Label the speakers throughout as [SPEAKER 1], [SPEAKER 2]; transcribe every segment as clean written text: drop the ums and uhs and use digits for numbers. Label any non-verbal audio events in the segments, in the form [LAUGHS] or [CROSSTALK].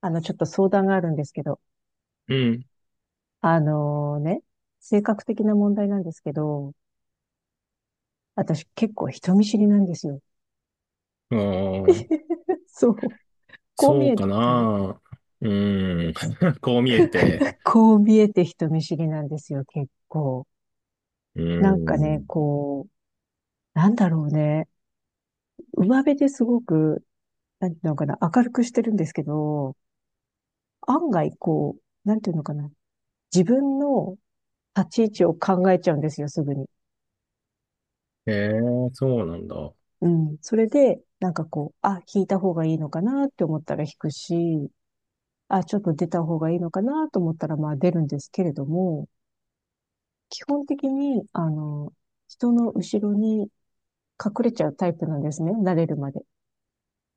[SPEAKER 1] ちょっと相談があるんですけど、
[SPEAKER 2] うん。
[SPEAKER 1] あのね、性格的な問題なんですけど、私結構人見知りなんですよ。
[SPEAKER 2] ああ、
[SPEAKER 1] [LAUGHS] そう。こう
[SPEAKER 2] そ
[SPEAKER 1] 見
[SPEAKER 2] う
[SPEAKER 1] えて、
[SPEAKER 2] かな。うん。[LAUGHS] こう見えて。
[SPEAKER 1] こう見えて人見知りなんですよ、結構。
[SPEAKER 2] う
[SPEAKER 1] なんかね、
[SPEAKER 2] ん。
[SPEAKER 1] こう、なんだろうね。上辺ですごく、なんていうのかな、明るくしてるんですけど、案外こう、なんていうのかな、自分の立ち位置を考えちゃうんですよ、すぐに。
[SPEAKER 2] へえ、そうなんだ。
[SPEAKER 1] うん。それで、なんかこう、あ、引いた方がいいのかなって思ったら引くし、あ、ちょっと出た方がいいのかなと思ったら、まあ出るんですけれども、基本的に、人の後ろに隠れちゃうタイプなんですね。慣れるまで。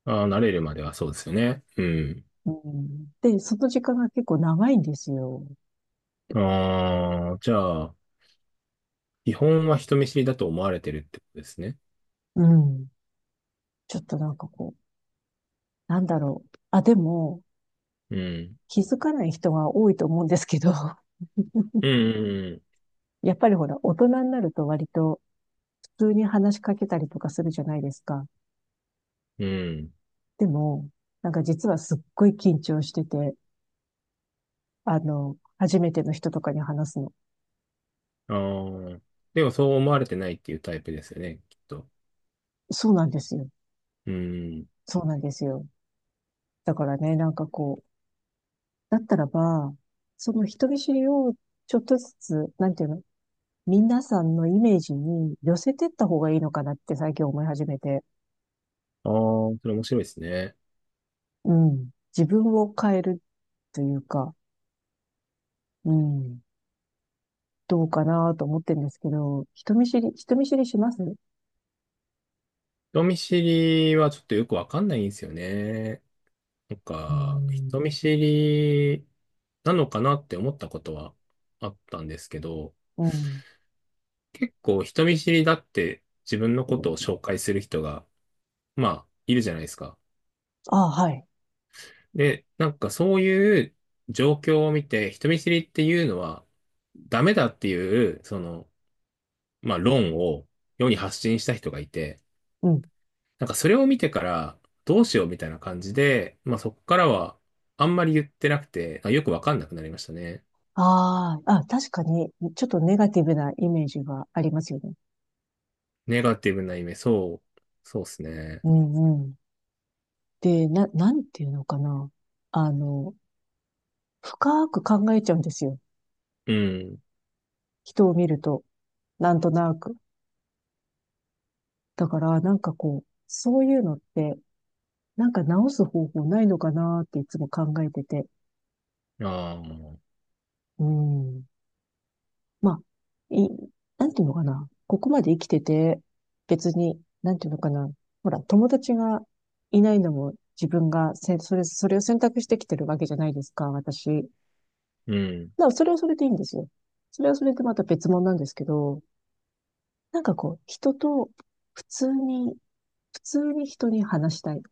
[SPEAKER 2] ああ、慣れるまではそうですよね。うん。
[SPEAKER 1] うん。で、その時間が結構長いんですよ。
[SPEAKER 2] ああ、じゃあ、基本は人見知りだと思われてるってことですね。
[SPEAKER 1] うん。ちょっとなんかこう、なんだろう。あ、でも、
[SPEAKER 2] うん
[SPEAKER 1] 気づかない人が多いと思うんですけど、
[SPEAKER 2] うん
[SPEAKER 1] [LAUGHS] やっぱりほら、大人になると割と普通に話しかけたりとかするじゃないですか。
[SPEAKER 2] うんうん。
[SPEAKER 1] でも、なんか実はすっごい緊張してて、初めての人とかに話すの。
[SPEAKER 2] うん。ああ、でもそう思われてないっていうタイプですよね、きっと。
[SPEAKER 1] そうなんですよ。
[SPEAKER 2] うん。
[SPEAKER 1] そうなんですよ。だからね、なんかこう、だったらば、その人見知りをちょっとずつ、なんていうの、皆さんのイメージに寄せてった方がいいのかなって最近思い始めて、
[SPEAKER 2] ああ、それ面白いですね。
[SPEAKER 1] うん。自分を変えるというか、うん。どうかなと思ってるんですけど、人見知り、人見知りします
[SPEAKER 2] 人見知りはちょっとよくわかんないんですよね。なん
[SPEAKER 1] う
[SPEAKER 2] か、
[SPEAKER 1] ん。
[SPEAKER 2] 人見知りなのかなって思ったことはあったんですけど、
[SPEAKER 1] うん。
[SPEAKER 2] 結構人見知りだって自分のことを紹介する人が、まあ、いるじゃないですか。
[SPEAKER 1] ああ、はい。
[SPEAKER 2] で、なんかそういう状況を見て、人見知りっていうのはダメだっていう、その、まあ論を世に発信した人がいて、
[SPEAKER 1] うん
[SPEAKER 2] なんかそれを見てからどうしようみたいな感じで、まあそこからはあんまり言ってなくて、あよくわかんなくなりましたね。
[SPEAKER 1] ああ、あ、確かに、ちょっとネガティブなイメージがありますよね。
[SPEAKER 2] ネガティブな意味、そう、そうですね。
[SPEAKER 1] うんうん。で、な、なんていうのかな。あの、深く考えちゃうんですよ。
[SPEAKER 2] うん。
[SPEAKER 1] 人を見ると、なんとなく。だから、なんかこう、そういうのって、なんか直す方法ないのかなっていつも考えてて。
[SPEAKER 2] ああ、
[SPEAKER 1] うん。まあ、い、なんていうのかな。ここまで生きてて、別に、なんていうのかな。ほら、友達がいないのも自分がせ、それ、それを選択してきてるわけじゃないですか、私。
[SPEAKER 2] うん。
[SPEAKER 1] だからそれはそれでいいんですよ。それはそれでまた別物なんですけど、なんかこう、人と普通に、普通に人に話したい。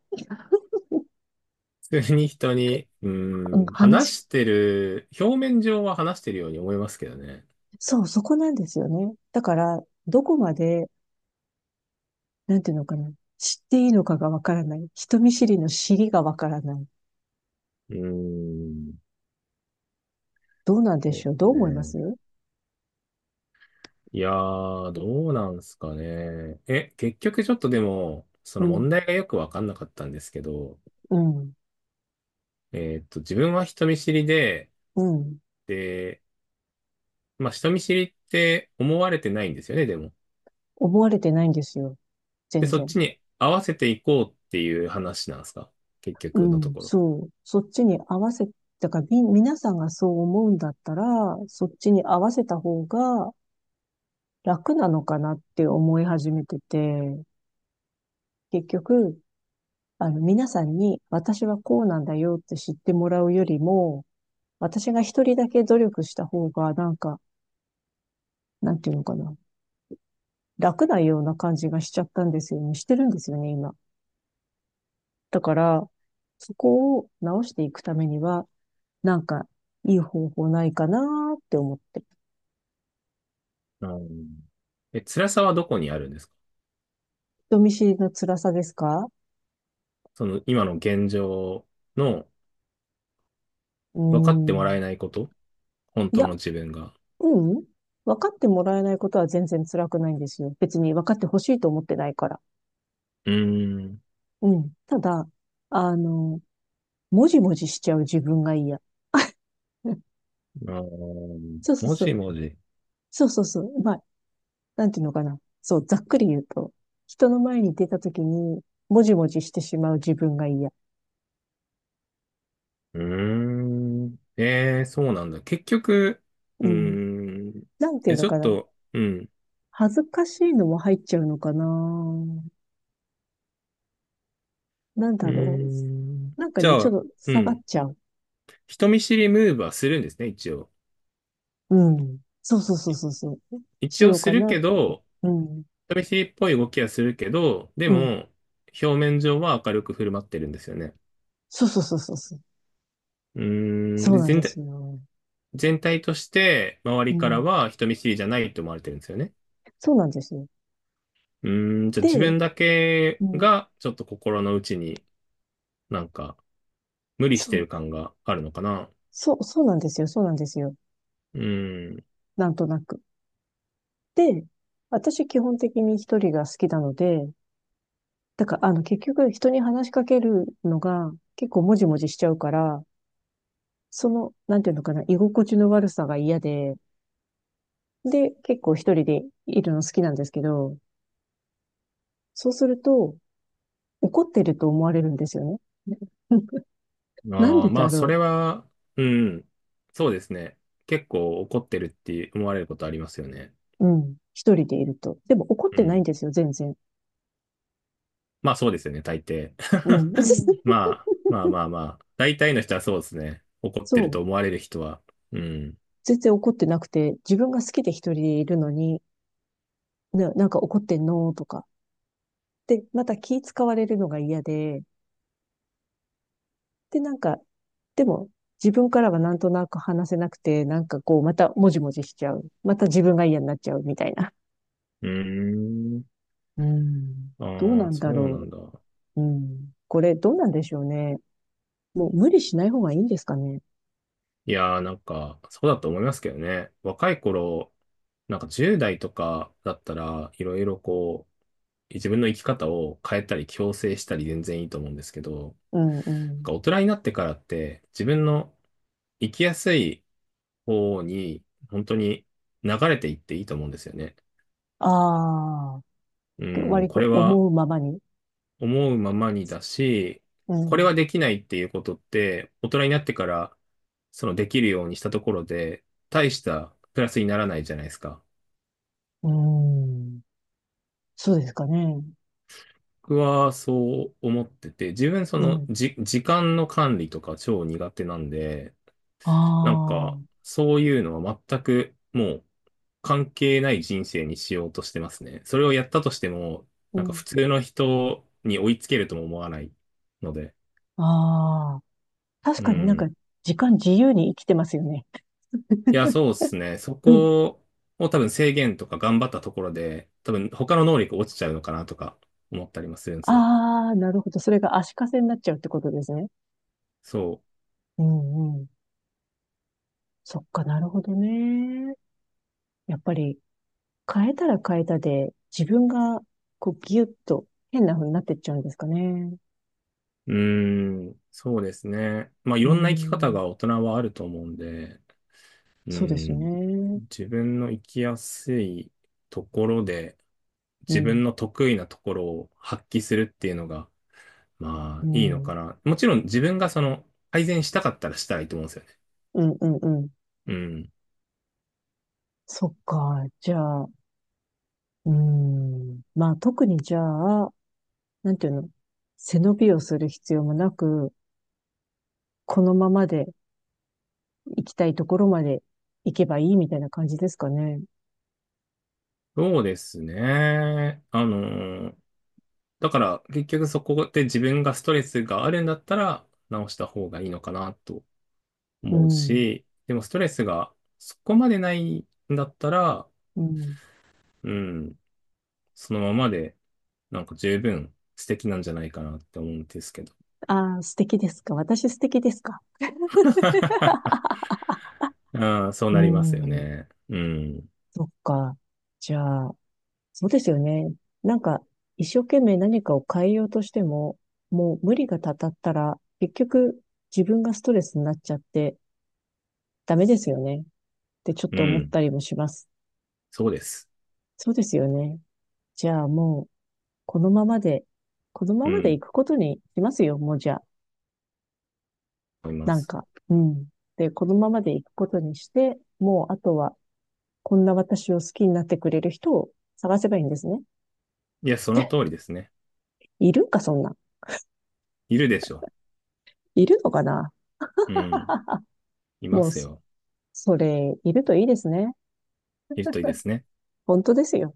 [SPEAKER 2] 普通に人に、う
[SPEAKER 1] うん
[SPEAKER 2] ん、
[SPEAKER 1] 話し、
[SPEAKER 2] 話してる、表面上は話してるように思いますけどね。
[SPEAKER 1] そう、そこなんですよね。だから、どこまで、なんていうのかな。知っていいのかがわからない。人見知りの知りがわからない。
[SPEAKER 2] うーん、
[SPEAKER 1] どうなんでし
[SPEAKER 2] そ
[SPEAKER 1] ょうど
[SPEAKER 2] うで
[SPEAKER 1] う思いま
[SPEAKER 2] すね。
[SPEAKER 1] す
[SPEAKER 2] いやー、どうなんすかね。え、結局ちょっとでも、そ
[SPEAKER 1] う
[SPEAKER 2] の
[SPEAKER 1] ん、
[SPEAKER 2] 問題がよくわかんなかったんですけど、
[SPEAKER 1] うん、
[SPEAKER 2] 自分は人見知りで、
[SPEAKER 1] うん。
[SPEAKER 2] で、まあ人見知りって思われてないんですよね、でも。
[SPEAKER 1] 思われてないんですよ。
[SPEAKER 2] で、
[SPEAKER 1] 全
[SPEAKER 2] そっ
[SPEAKER 1] 然。
[SPEAKER 2] ちに合わせていこうっていう話なんですか結
[SPEAKER 1] う
[SPEAKER 2] 局のと
[SPEAKER 1] ん、
[SPEAKER 2] ころ。
[SPEAKER 1] そう。そっちに合わせ、だからみ、皆さんがそう思うんだったら、そっちに合わせた方が楽なのかなって思い始めてて、結局、皆さんに私はこうなんだよって知ってもらうよりも、私が一人だけ努力した方が、なんか、なんていうのかな。楽なような感じがしちゃったんですよね。してるんですよね、今。だから、そこを直していくためには、なんか、いい方法ないかなーって思って。
[SPEAKER 2] うん。え、辛さはどこにあるんですか？
[SPEAKER 1] 人見知りの辛さですか
[SPEAKER 2] その今の現状の、
[SPEAKER 1] う
[SPEAKER 2] 分かって
[SPEAKER 1] ー
[SPEAKER 2] もらえ
[SPEAKER 1] ん。
[SPEAKER 2] ないこと、本
[SPEAKER 1] いや、
[SPEAKER 2] 当の自分が。
[SPEAKER 1] うん。分かってもらえないことは全然辛くないんですよ。別に分かってほしいと思ってないから。
[SPEAKER 2] うーん。
[SPEAKER 1] うん。ただ、あの、もじもじしちゃう自分が嫌。[LAUGHS] うん
[SPEAKER 2] あー
[SPEAKER 1] そうそう
[SPEAKER 2] も
[SPEAKER 1] そう。
[SPEAKER 2] しもし。
[SPEAKER 1] そうそうそう。まあ、なんていうのかな。そう、ざっくり言うと、人の前に出た時に、もじもじしてしまう自分が嫌。
[SPEAKER 2] うーん。えー、そうなんだ。結局、う
[SPEAKER 1] うん。
[SPEAKER 2] ーん。
[SPEAKER 1] なんていう
[SPEAKER 2] え、
[SPEAKER 1] の
[SPEAKER 2] ちょっ
[SPEAKER 1] かな。
[SPEAKER 2] と、うん。
[SPEAKER 1] 恥ずかしいのも入っちゃうのかな。なん
[SPEAKER 2] うー
[SPEAKER 1] だろ
[SPEAKER 2] ん。
[SPEAKER 1] う。なんか
[SPEAKER 2] じゃ
[SPEAKER 1] ね、ちょ
[SPEAKER 2] あ、
[SPEAKER 1] っと
[SPEAKER 2] う
[SPEAKER 1] 下がっ
[SPEAKER 2] ん。
[SPEAKER 1] ちゃう。
[SPEAKER 2] 人見知りムーブはするんですね、一応。
[SPEAKER 1] うん。そうそうそう
[SPEAKER 2] い
[SPEAKER 1] そうそう。し
[SPEAKER 2] 一応
[SPEAKER 1] よう
[SPEAKER 2] す
[SPEAKER 1] か
[SPEAKER 2] る
[SPEAKER 1] な
[SPEAKER 2] け
[SPEAKER 1] って。
[SPEAKER 2] ど、
[SPEAKER 1] うん。
[SPEAKER 2] 人見知りっぽい動きはするけど、で
[SPEAKER 1] うん。
[SPEAKER 2] も、表面上は明るく振る舞ってるんですよね。
[SPEAKER 1] そうそうそうそうそう。
[SPEAKER 2] うーん、
[SPEAKER 1] そう
[SPEAKER 2] で、
[SPEAKER 1] なん
[SPEAKER 2] 全
[SPEAKER 1] です
[SPEAKER 2] 体、
[SPEAKER 1] よ。
[SPEAKER 2] 全体として周
[SPEAKER 1] う
[SPEAKER 2] りから
[SPEAKER 1] ん。
[SPEAKER 2] は人見知りじゃないと思われてるんですよね。
[SPEAKER 1] そうなんですよ。
[SPEAKER 2] うーん、じゃあ自
[SPEAKER 1] で、
[SPEAKER 2] 分だけ
[SPEAKER 1] うん。
[SPEAKER 2] がちょっと心の内になんか無理し
[SPEAKER 1] そ
[SPEAKER 2] て
[SPEAKER 1] う、
[SPEAKER 2] る感があるのかな。
[SPEAKER 1] そう、そうなんですよ。そうなんですよ。
[SPEAKER 2] うー
[SPEAKER 1] なんとなく。で、私基本的に一人が好きなので、だから、結局人に話しかけるのが結構もじもじしちゃうから、その、なんていうのかな、居心地の悪さが嫌で、で、結構一人でいるの好きなんですけど、そうすると、怒ってると思われるんですよね。[LAUGHS] うん
[SPEAKER 2] ん、
[SPEAKER 1] なん
[SPEAKER 2] あ
[SPEAKER 1] で
[SPEAKER 2] あ、ま
[SPEAKER 1] だ
[SPEAKER 2] あそ
[SPEAKER 1] ろ
[SPEAKER 2] れは、うん、そうですね。結構怒ってるって思われることありますよね。
[SPEAKER 1] う。うん。一人でいると。でも怒っ
[SPEAKER 2] う
[SPEAKER 1] てないん
[SPEAKER 2] ん。
[SPEAKER 1] ですよ、全然。
[SPEAKER 2] まあそうですよね、大抵。
[SPEAKER 1] う
[SPEAKER 2] [LAUGHS]
[SPEAKER 1] ん。
[SPEAKER 2] うん。
[SPEAKER 1] [LAUGHS]
[SPEAKER 2] まあ、まあまあまあ。大体の人はそうですね。怒って
[SPEAKER 1] そ
[SPEAKER 2] ると思
[SPEAKER 1] う。
[SPEAKER 2] われる人は。うん。
[SPEAKER 1] 全然怒ってなくて、自分が好きで一人でいるのに、な、なんか怒ってんのとか。で、また気使われるのが嫌で、で、なんか、でも、自分からはなんとなく話せなくて、なんかこう、またもじもじしちゃう。また自分が嫌になっちゃうみたいな。
[SPEAKER 2] うーん。
[SPEAKER 1] うん。どう
[SPEAKER 2] あ
[SPEAKER 1] な
[SPEAKER 2] あ、
[SPEAKER 1] ん
[SPEAKER 2] そ
[SPEAKER 1] だ
[SPEAKER 2] うな
[SPEAKER 1] ろ
[SPEAKER 2] んだ。
[SPEAKER 1] う。うん。これ、どうなんでしょうね。もう無理しない方がいいんですかね。
[SPEAKER 2] いやーなんか、そうだと思いますけどね。若い頃、なんか10代とかだったら、いろいろこう、自分の生き方を変えたり、強制したり全然いいと思うんですけど、な
[SPEAKER 1] うんう
[SPEAKER 2] ん
[SPEAKER 1] ん。
[SPEAKER 2] か大人になってからって、自分の生きやすい方に、本当に流れていっていいと思うんですよね。
[SPEAKER 1] ああ、
[SPEAKER 2] うん、
[SPEAKER 1] 割
[SPEAKER 2] こ
[SPEAKER 1] と
[SPEAKER 2] れは
[SPEAKER 1] 思うままに。
[SPEAKER 2] 思うままにだし、
[SPEAKER 1] う
[SPEAKER 2] これは
[SPEAKER 1] ん。
[SPEAKER 2] できないっていうことって、大人になってから、そのできるようにしたところで、大したプラスにならないじゃないですか。
[SPEAKER 1] うん。そうですかね。
[SPEAKER 2] 僕はそう思ってて、自分そ
[SPEAKER 1] う
[SPEAKER 2] の
[SPEAKER 1] ん。
[SPEAKER 2] じ、時間の管理とか超苦手なんで、なん
[SPEAKER 1] あ
[SPEAKER 2] か、
[SPEAKER 1] あ、
[SPEAKER 2] そういうのは全くもう関係ない人生にしようとしてますね。それをやったとしても、
[SPEAKER 1] う
[SPEAKER 2] なんか
[SPEAKER 1] ん。
[SPEAKER 2] 普通の人に追いつけるとも思わないので、
[SPEAKER 1] ああ。確
[SPEAKER 2] う
[SPEAKER 1] かになんか、
[SPEAKER 2] ん。
[SPEAKER 1] 時間自由に生きてますよね。
[SPEAKER 2] いや、
[SPEAKER 1] [LAUGHS]
[SPEAKER 2] そうですね。そ
[SPEAKER 1] うん
[SPEAKER 2] こを多分制限とか頑張ったところで、多分他の能力落ちちゃうのかなとか思ったりもするんですよ。
[SPEAKER 1] ああ、なるほど。それが足かせになっちゃうってことですね。
[SPEAKER 2] そ
[SPEAKER 1] うんうん。そっか、なるほどね。やっぱり変えたら変えたで、自分がこうギュッと変な風になってっちゃうんですかね。
[SPEAKER 2] う。うーん、そうですね。まあい
[SPEAKER 1] う
[SPEAKER 2] ろんな生き方
[SPEAKER 1] ん。
[SPEAKER 2] が大人はあると思うんで、う
[SPEAKER 1] そうです
[SPEAKER 2] ん、
[SPEAKER 1] ね。
[SPEAKER 2] 自分の生きやすいところで、
[SPEAKER 1] う
[SPEAKER 2] 自
[SPEAKER 1] ん。
[SPEAKER 2] 分の得意なところを発揮するっていうのが、ま
[SPEAKER 1] う
[SPEAKER 2] あいいのか
[SPEAKER 1] ん。
[SPEAKER 2] な。もちろん自分がその改善したかったらしたらいいと思うんですよね。
[SPEAKER 1] うんうんうん。
[SPEAKER 2] うん。
[SPEAKER 1] そっか。じゃあ、うん。まあ特にじゃあ、なんていうの、背伸びをする必要もなく、このままで行きたいところまで行けばいいみたいな感じですかね。
[SPEAKER 2] そうですね。あのだから結局そこで自分がストレスがあるんだったら直した方がいいのかなと
[SPEAKER 1] う
[SPEAKER 2] 思う
[SPEAKER 1] ん。
[SPEAKER 2] し、でもストレスがそこまでないんだったら、
[SPEAKER 1] うん。
[SPEAKER 2] うん、そのままでなんか十分素敵なんじゃないかなって思うんですけど。
[SPEAKER 1] ああ、素敵ですか。私素敵ですか。
[SPEAKER 2] [LAUGHS] ああそう
[SPEAKER 1] う
[SPEAKER 2] なりますよ
[SPEAKER 1] ん。
[SPEAKER 2] ね。うん、
[SPEAKER 1] そっか。じゃあ、そうですよね。なんか、一生懸命何かを変えようとしても、もう無理がたたったら、結局自分がストレスになっちゃってダメですよね。ってちょっ
[SPEAKER 2] う
[SPEAKER 1] と思っ
[SPEAKER 2] ん、
[SPEAKER 1] たりもします。
[SPEAKER 2] そうです。
[SPEAKER 1] そうですよね。じゃあもう、このままで、このま
[SPEAKER 2] う
[SPEAKER 1] まで
[SPEAKER 2] ん、
[SPEAKER 1] 行くことにしますよ、もうじゃあ。
[SPEAKER 2] 思いま
[SPEAKER 1] なん
[SPEAKER 2] す。
[SPEAKER 1] か、うん。で、このままで行くことにして、もうあとはこんな私を好きになってくれる人を探せばいいんですね。
[SPEAKER 2] いや、その通りですね。
[SPEAKER 1] いるか、そんな。
[SPEAKER 2] いるでしょ。
[SPEAKER 1] いるのかな
[SPEAKER 2] うん、
[SPEAKER 1] [LAUGHS]
[SPEAKER 2] いま
[SPEAKER 1] もう、
[SPEAKER 2] すよ。
[SPEAKER 1] それ、いるといいですね。
[SPEAKER 2] いるといいですね。
[SPEAKER 1] 本当ですよ。